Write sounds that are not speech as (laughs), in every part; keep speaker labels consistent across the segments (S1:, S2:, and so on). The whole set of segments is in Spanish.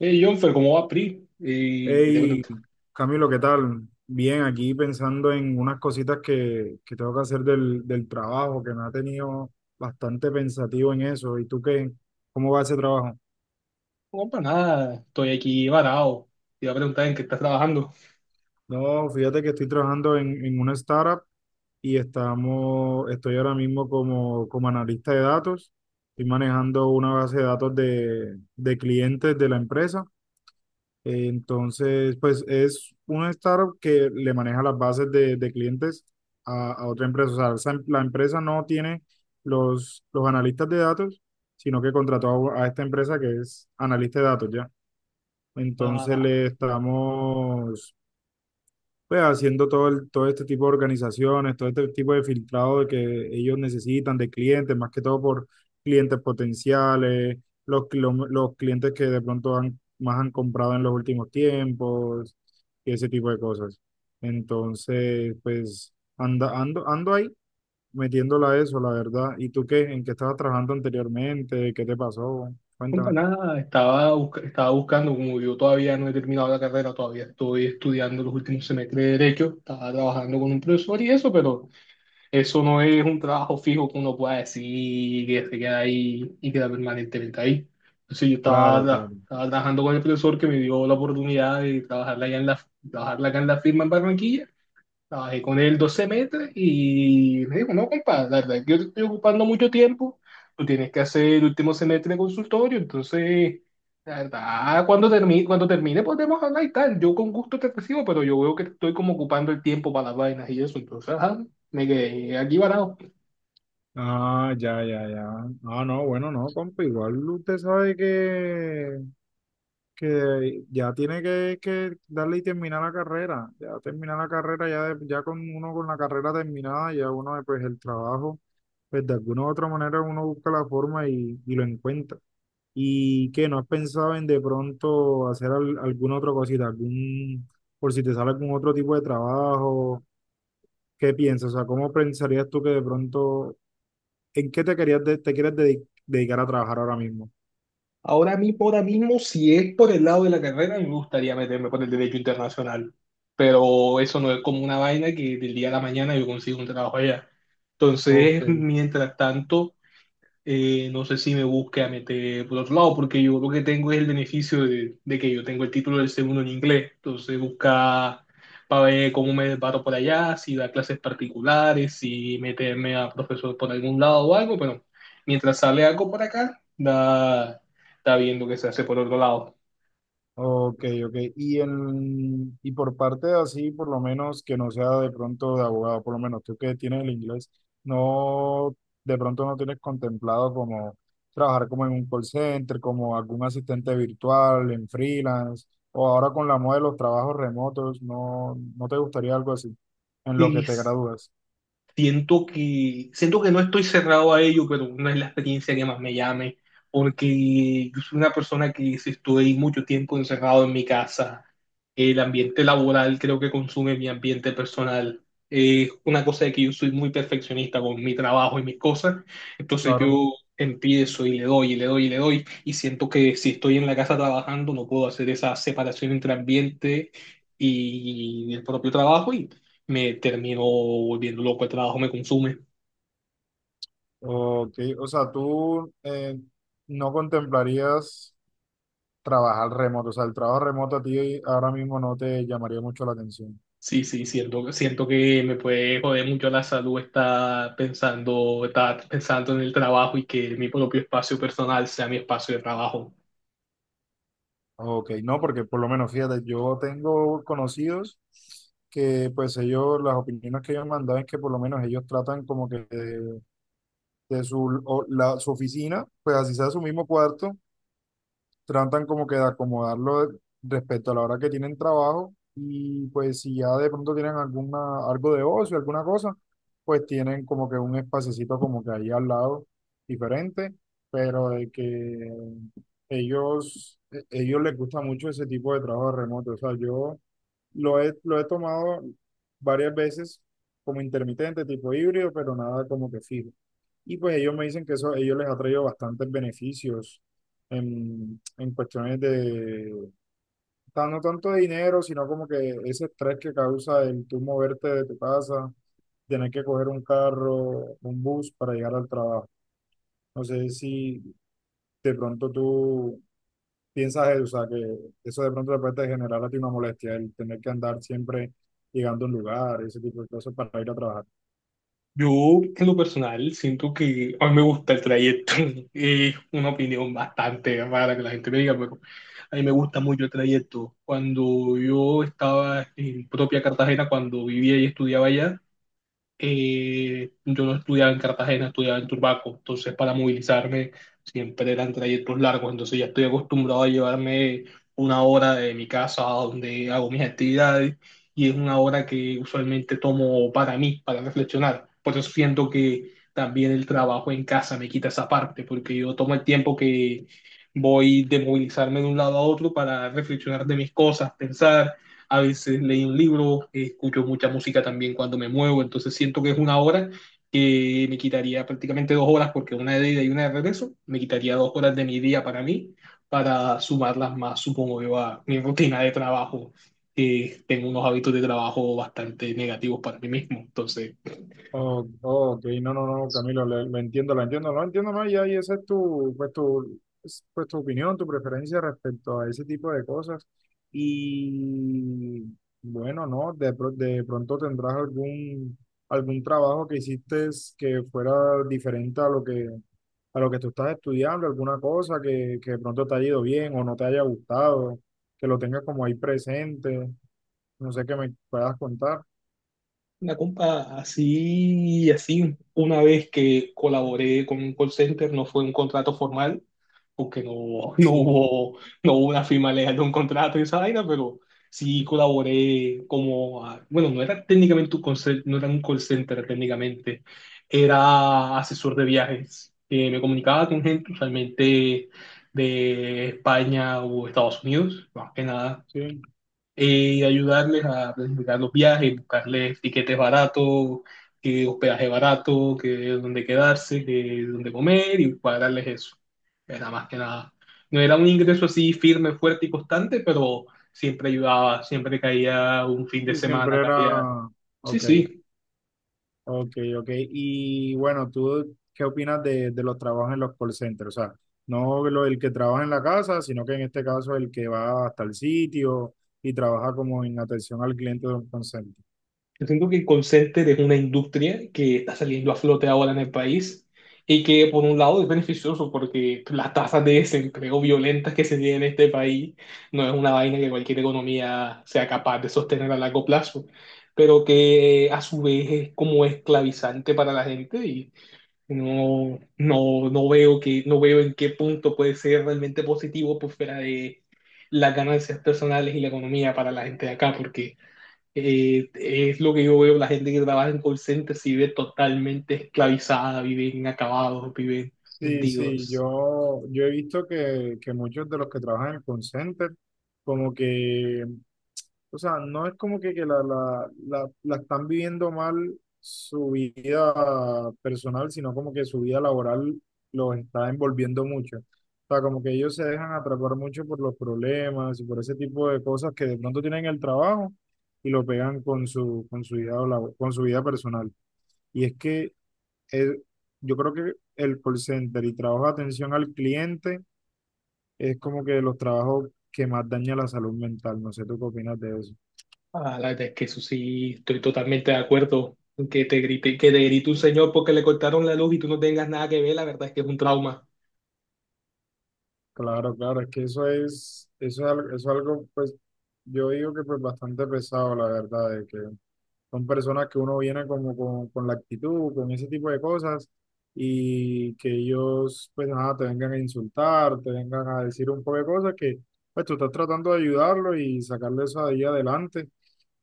S1: Hey, Jonfer, ¿cómo va PRI? Y, te
S2: Hey,
S1: pregunto,
S2: Camilo, ¿qué tal? Bien, aquí pensando en unas cositas que tengo que hacer del trabajo, que me ha tenido bastante pensativo en eso. ¿Y tú qué? ¿Cómo va ese trabajo?
S1: no, para nada, estoy aquí varado. Te iba a preguntar en qué estás trabajando.
S2: No, fíjate que estoy trabajando en una startup y estoy ahora mismo como analista de datos. Estoy manejando una base de datos de clientes de la empresa. Entonces, pues es un startup que le maneja las bases de clientes a otra empresa. O sea, la empresa no tiene los analistas de datos, sino que contrató a esta empresa que es analista de datos ya. Entonces
S1: Ah,
S2: le estamos pues haciendo todo, todo este tipo de organizaciones, todo este tipo de filtrado de que ellos necesitan de clientes, más que todo por clientes potenciales, los clientes que de pronto han, más han comprado en los últimos tiempos, y ese tipo de cosas. Entonces, pues ando ahí metiéndola a eso, la verdad. ¿Y tú qué? ¿En qué estabas trabajando anteriormente? ¿Qué te pasó?
S1: no,
S2: Cuéntame.
S1: para nada, estaba, estaba buscando, como yo todavía no he terminado la carrera, todavía estoy estudiando los últimos semestres de Derecho, estaba trabajando con un profesor y eso, pero eso no es un trabajo fijo que uno pueda decir que se queda ahí y queda permanentemente ahí. Entonces yo estaba,
S2: Claro, claro.
S1: estaba trabajando con el profesor que me dio la oportunidad de trabajarla allá en la, trabajarla acá en la firma en Barranquilla. Trabajé con él 12 meses y me dijo, no, compadre, la verdad, es que yo te estoy ocupando mucho tiempo, tú tienes que hacer el último semestre de consultorio, entonces, la verdad, cuando termine podemos hablar y tal, yo con gusto te recibo, pero yo veo que te estoy como ocupando el tiempo para las vainas y eso, entonces, ajá, me quedé aquí varado.
S2: Ah, ya, ya, ya. Ah, no, bueno, no, compa, igual usted sabe que ya tiene que darle y terminar la carrera. Ya terminar la carrera, ya, ya con uno con la carrera terminada, ya uno, pues el trabajo, pues de alguna u otra manera uno busca la forma y lo encuentra. ¿Y qué? ¿No has pensado en de pronto hacer alguna otra cosita, algún, por si te sale algún otro tipo de trabajo? ¿Qué piensas? O sea, ¿cómo pensarías tú que de pronto? ¿En qué te quieres dedicar a trabajar ahora mismo?
S1: Ahora mismo, si es por el lado de la carrera, me gustaría meterme por el derecho internacional, pero eso no es como una vaina que del día a la mañana yo consigo un trabajo allá.
S2: Ok,
S1: Entonces, mientras tanto... No sé si me busque a meter por otro lado, porque yo lo que tengo es el beneficio de que yo tengo el título del segundo en inglés. Entonces, busca para ver cómo me paro por allá, si da clases particulares, si meterme a profesor por algún lado o algo, pero mientras sale algo por acá, da, está viendo que se hace por otro lado.
S2: ok, ok. Y, en, y por parte de así, por lo menos que no sea de pronto de abogado, por lo menos tú que tienes el inglés, no, de pronto no tienes contemplado como trabajar como en un call center, como algún asistente virtual, en freelance, o ahora con la moda de los trabajos remotos, no, no te gustaría algo así, en lo que
S1: Y
S2: te gradúas,
S1: siento que, siento que no estoy cerrado a ello, pero no es la experiencia que más me llame, porque yo soy una persona que si estoy mucho tiempo encerrado en mi casa, el ambiente laboral creo que consume mi ambiente personal. Es una cosa de que yo soy muy perfeccionista con mi trabajo y mis cosas, entonces
S2: claro.
S1: yo empiezo y le doy y le doy y le doy, y siento que si estoy en la casa trabajando no puedo hacer esa separación entre ambiente y el propio trabajo y me termino volviendo loco, el trabajo me consume.
S2: Ok, o sea, tú, no contemplarías trabajar remoto, o sea, el trabajo remoto a ti ahora mismo no te llamaría mucho la atención.
S1: Sí, sí, siento, siento que me puede joder mucho la salud estar pensando en el trabajo y que mi propio espacio personal sea mi espacio de trabajo.
S2: Ok, no, porque por lo menos, fíjate, yo tengo conocidos que pues ellos, las opiniones que ellos me han dado es que por lo menos ellos tratan como que de su, su oficina, pues así sea su mismo cuarto, tratan como que de acomodarlo respecto a la hora que tienen trabajo y pues si ya de pronto tienen alguna, algo de ocio, alguna cosa, pues tienen como que un espacecito como que ahí al lado diferente, pero de que ellos les gusta mucho ese tipo de trabajo remoto. O sea, yo lo he tomado varias veces como intermitente, tipo híbrido, pero nada como que fijo. Y pues ellos me dicen que eso a ellos les ha traído bastantes beneficios en cuestiones de, o sea, no tanto de dinero, sino como que ese estrés que causa el tú moverte de tu casa, tener que coger un carro, un bus para llegar al trabajo. No sé si de pronto tú piensas eso, o sea, que eso de pronto te puede generar a ti una molestia, el tener que andar siempre llegando a un lugar, ese tipo de cosas para ir a trabajar.
S1: Yo, en lo personal, siento que a mí me gusta el trayecto. (laughs) Es una opinión bastante rara que la gente me diga, pero a mí me gusta mucho el trayecto. Cuando yo estaba en propia Cartagena, cuando vivía y estudiaba allá, yo no estudiaba en Cartagena, estudiaba en Turbaco, entonces para movilizarme siempre eran trayectos largos, entonces ya estoy acostumbrado a llevarme una hora de mi casa a donde hago mis actividades y es una hora que usualmente tomo para mí, para reflexionar. Por eso siento que también el trabajo en casa me quita esa parte, porque yo tomo el tiempo que voy de movilizarme de un lado a otro para reflexionar de mis cosas, pensar, a veces leo un libro, escucho mucha música también cuando me muevo, entonces siento que es una hora que me quitaría prácticamente dos horas, porque una de ida y una de regreso, me quitaría dos horas de mi día para mí, para sumarlas más, supongo yo, a mi rutina de trabajo, que tengo unos hábitos de trabajo bastante negativos para mí mismo. Entonces,
S2: Oh, oh, ok, no, no, no, Camilo, lo entiendo, lo entiendo, lo entiendo más y ahí esa es tu, pues tu, es, pues tu opinión, tu preferencia respecto a ese tipo de cosas. Y bueno, no, de pronto tendrás algún, algún trabajo que hiciste que fuera diferente a lo que tú estás estudiando, alguna cosa que de pronto te haya ido bien o no te haya gustado, que lo tengas como ahí presente, no sé qué me puedas contar.
S1: una compa así, así, una vez que colaboré con un call center, no fue un contrato formal, porque no, (laughs) no
S2: Sí,
S1: hubo, no hubo una firma legal de un contrato y esa vaina, pero sí colaboré como, bueno, no era técnicamente un no era un call center técnicamente, era asesor de viajes, que me comunicaba con gente usualmente de España o Estados Unidos, más que nada.
S2: sí.
S1: Ayudarles a planificar los viajes, buscarles tiquetes baratos, que hospedaje barato, que donde quedarse, que donde comer y cuadrarles eso. Era más que nada. No era un ingreso así firme, fuerte y constante, pero siempre ayudaba, siempre caía un fin de
S2: Sí,
S1: semana,
S2: siempre
S1: caía.
S2: era,
S1: Sí,
S2: ok,
S1: sí.
S2: ok, ok. Y bueno, ¿tú qué opinas de los trabajos en los call centers? O sea, no lo, el que trabaja en la casa, sino que en este caso el que va hasta el sitio y trabaja como en atención al cliente de un call center.
S1: Yo siento que el call center es una industria que está saliendo a flote ahora en el país y que por un lado es beneficioso porque las tasas de desempleo violentas que se tienen en este país no es una vaina que cualquier economía sea capaz de sostener a largo plazo, pero que a su vez es como esclavizante para la gente y no veo que, no veo en qué punto puede ser realmente positivo por fuera de las ganancias personales y la economía para la gente de acá, porque es lo que yo veo, la gente que trabaja en call centers vive totalmente esclavizada, viven acabados, viven
S2: Sí, sí,
S1: hundidos.
S2: yo he visto que muchos de los que trabajan en el call center como que. O sea, no es como que la están viviendo mal su vida personal, sino como que su vida laboral los está envolviendo mucho. O sea, como que ellos se dejan atrapar mucho por los problemas y por ese tipo de cosas que de pronto tienen en el trabajo y lo pegan con su, con su vida personal. Y es que eh, yo creo que el call center y trabajo de atención al cliente es como que de los trabajos que más daña la salud mental. No sé, ¿tú qué opinas de eso?
S1: Ah, la verdad es que eso sí, estoy totalmente de acuerdo. Que te grite un señor porque le cortaron la luz y tú no tengas nada que ver, la verdad es que es un trauma.
S2: Claro, claro, es que eso es, eso es algo, pues, yo digo que pues bastante pesado, la verdad, de que son personas que uno viene como con la actitud, con ese tipo de cosas, y que ellos, pues nada, te vengan a insultar, te vengan a decir un poco de cosas que, pues tú estás tratando de ayudarlo y sacarle eso ahí adelante,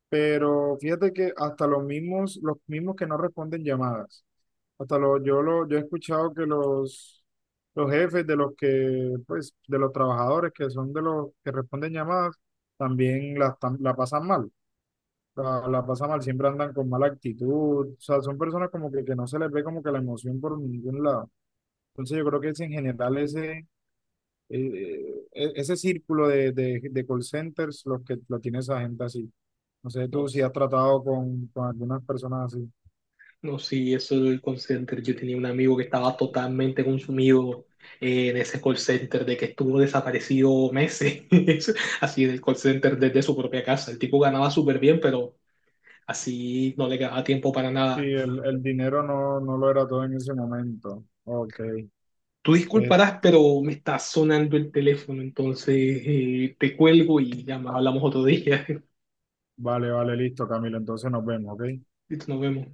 S2: pero fíjate que hasta los mismos que no responden llamadas, hasta los, yo he escuchado que los jefes de los que, pues, de los trabajadores que son de los que responden llamadas, también la pasan mal, la pasan mal, siempre andan con mala actitud, o sea, son personas como que no se les ve como que la emoción por ningún lado. Entonces yo creo que es en general ese, ese círculo de de call centers los que lo tiene esa gente así. No sé
S1: No,
S2: tú si has tratado con algunas personas así.
S1: no, sí, eso del call center. Yo tenía un amigo que estaba totalmente consumido en ese call center, de que estuvo desaparecido meses, (laughs) así del call center desde su propia casa. El tipo ganaba súper bien, pero así no le quedaba tiempo para
S2: Sí,
S1: nada.
S2: el dinero no, no lo era todo en ese momento. Ok.
S1: Tú
S2: Eh,
S1: disculparás, pero me está sonando el teléfono, entonces te cuelgo y ya más hablamos otro día. (laughs)
S2: vale, vale, listo, Camilo. Entonces nos vemos, ¿ok?
S1: Listo, nos vemos.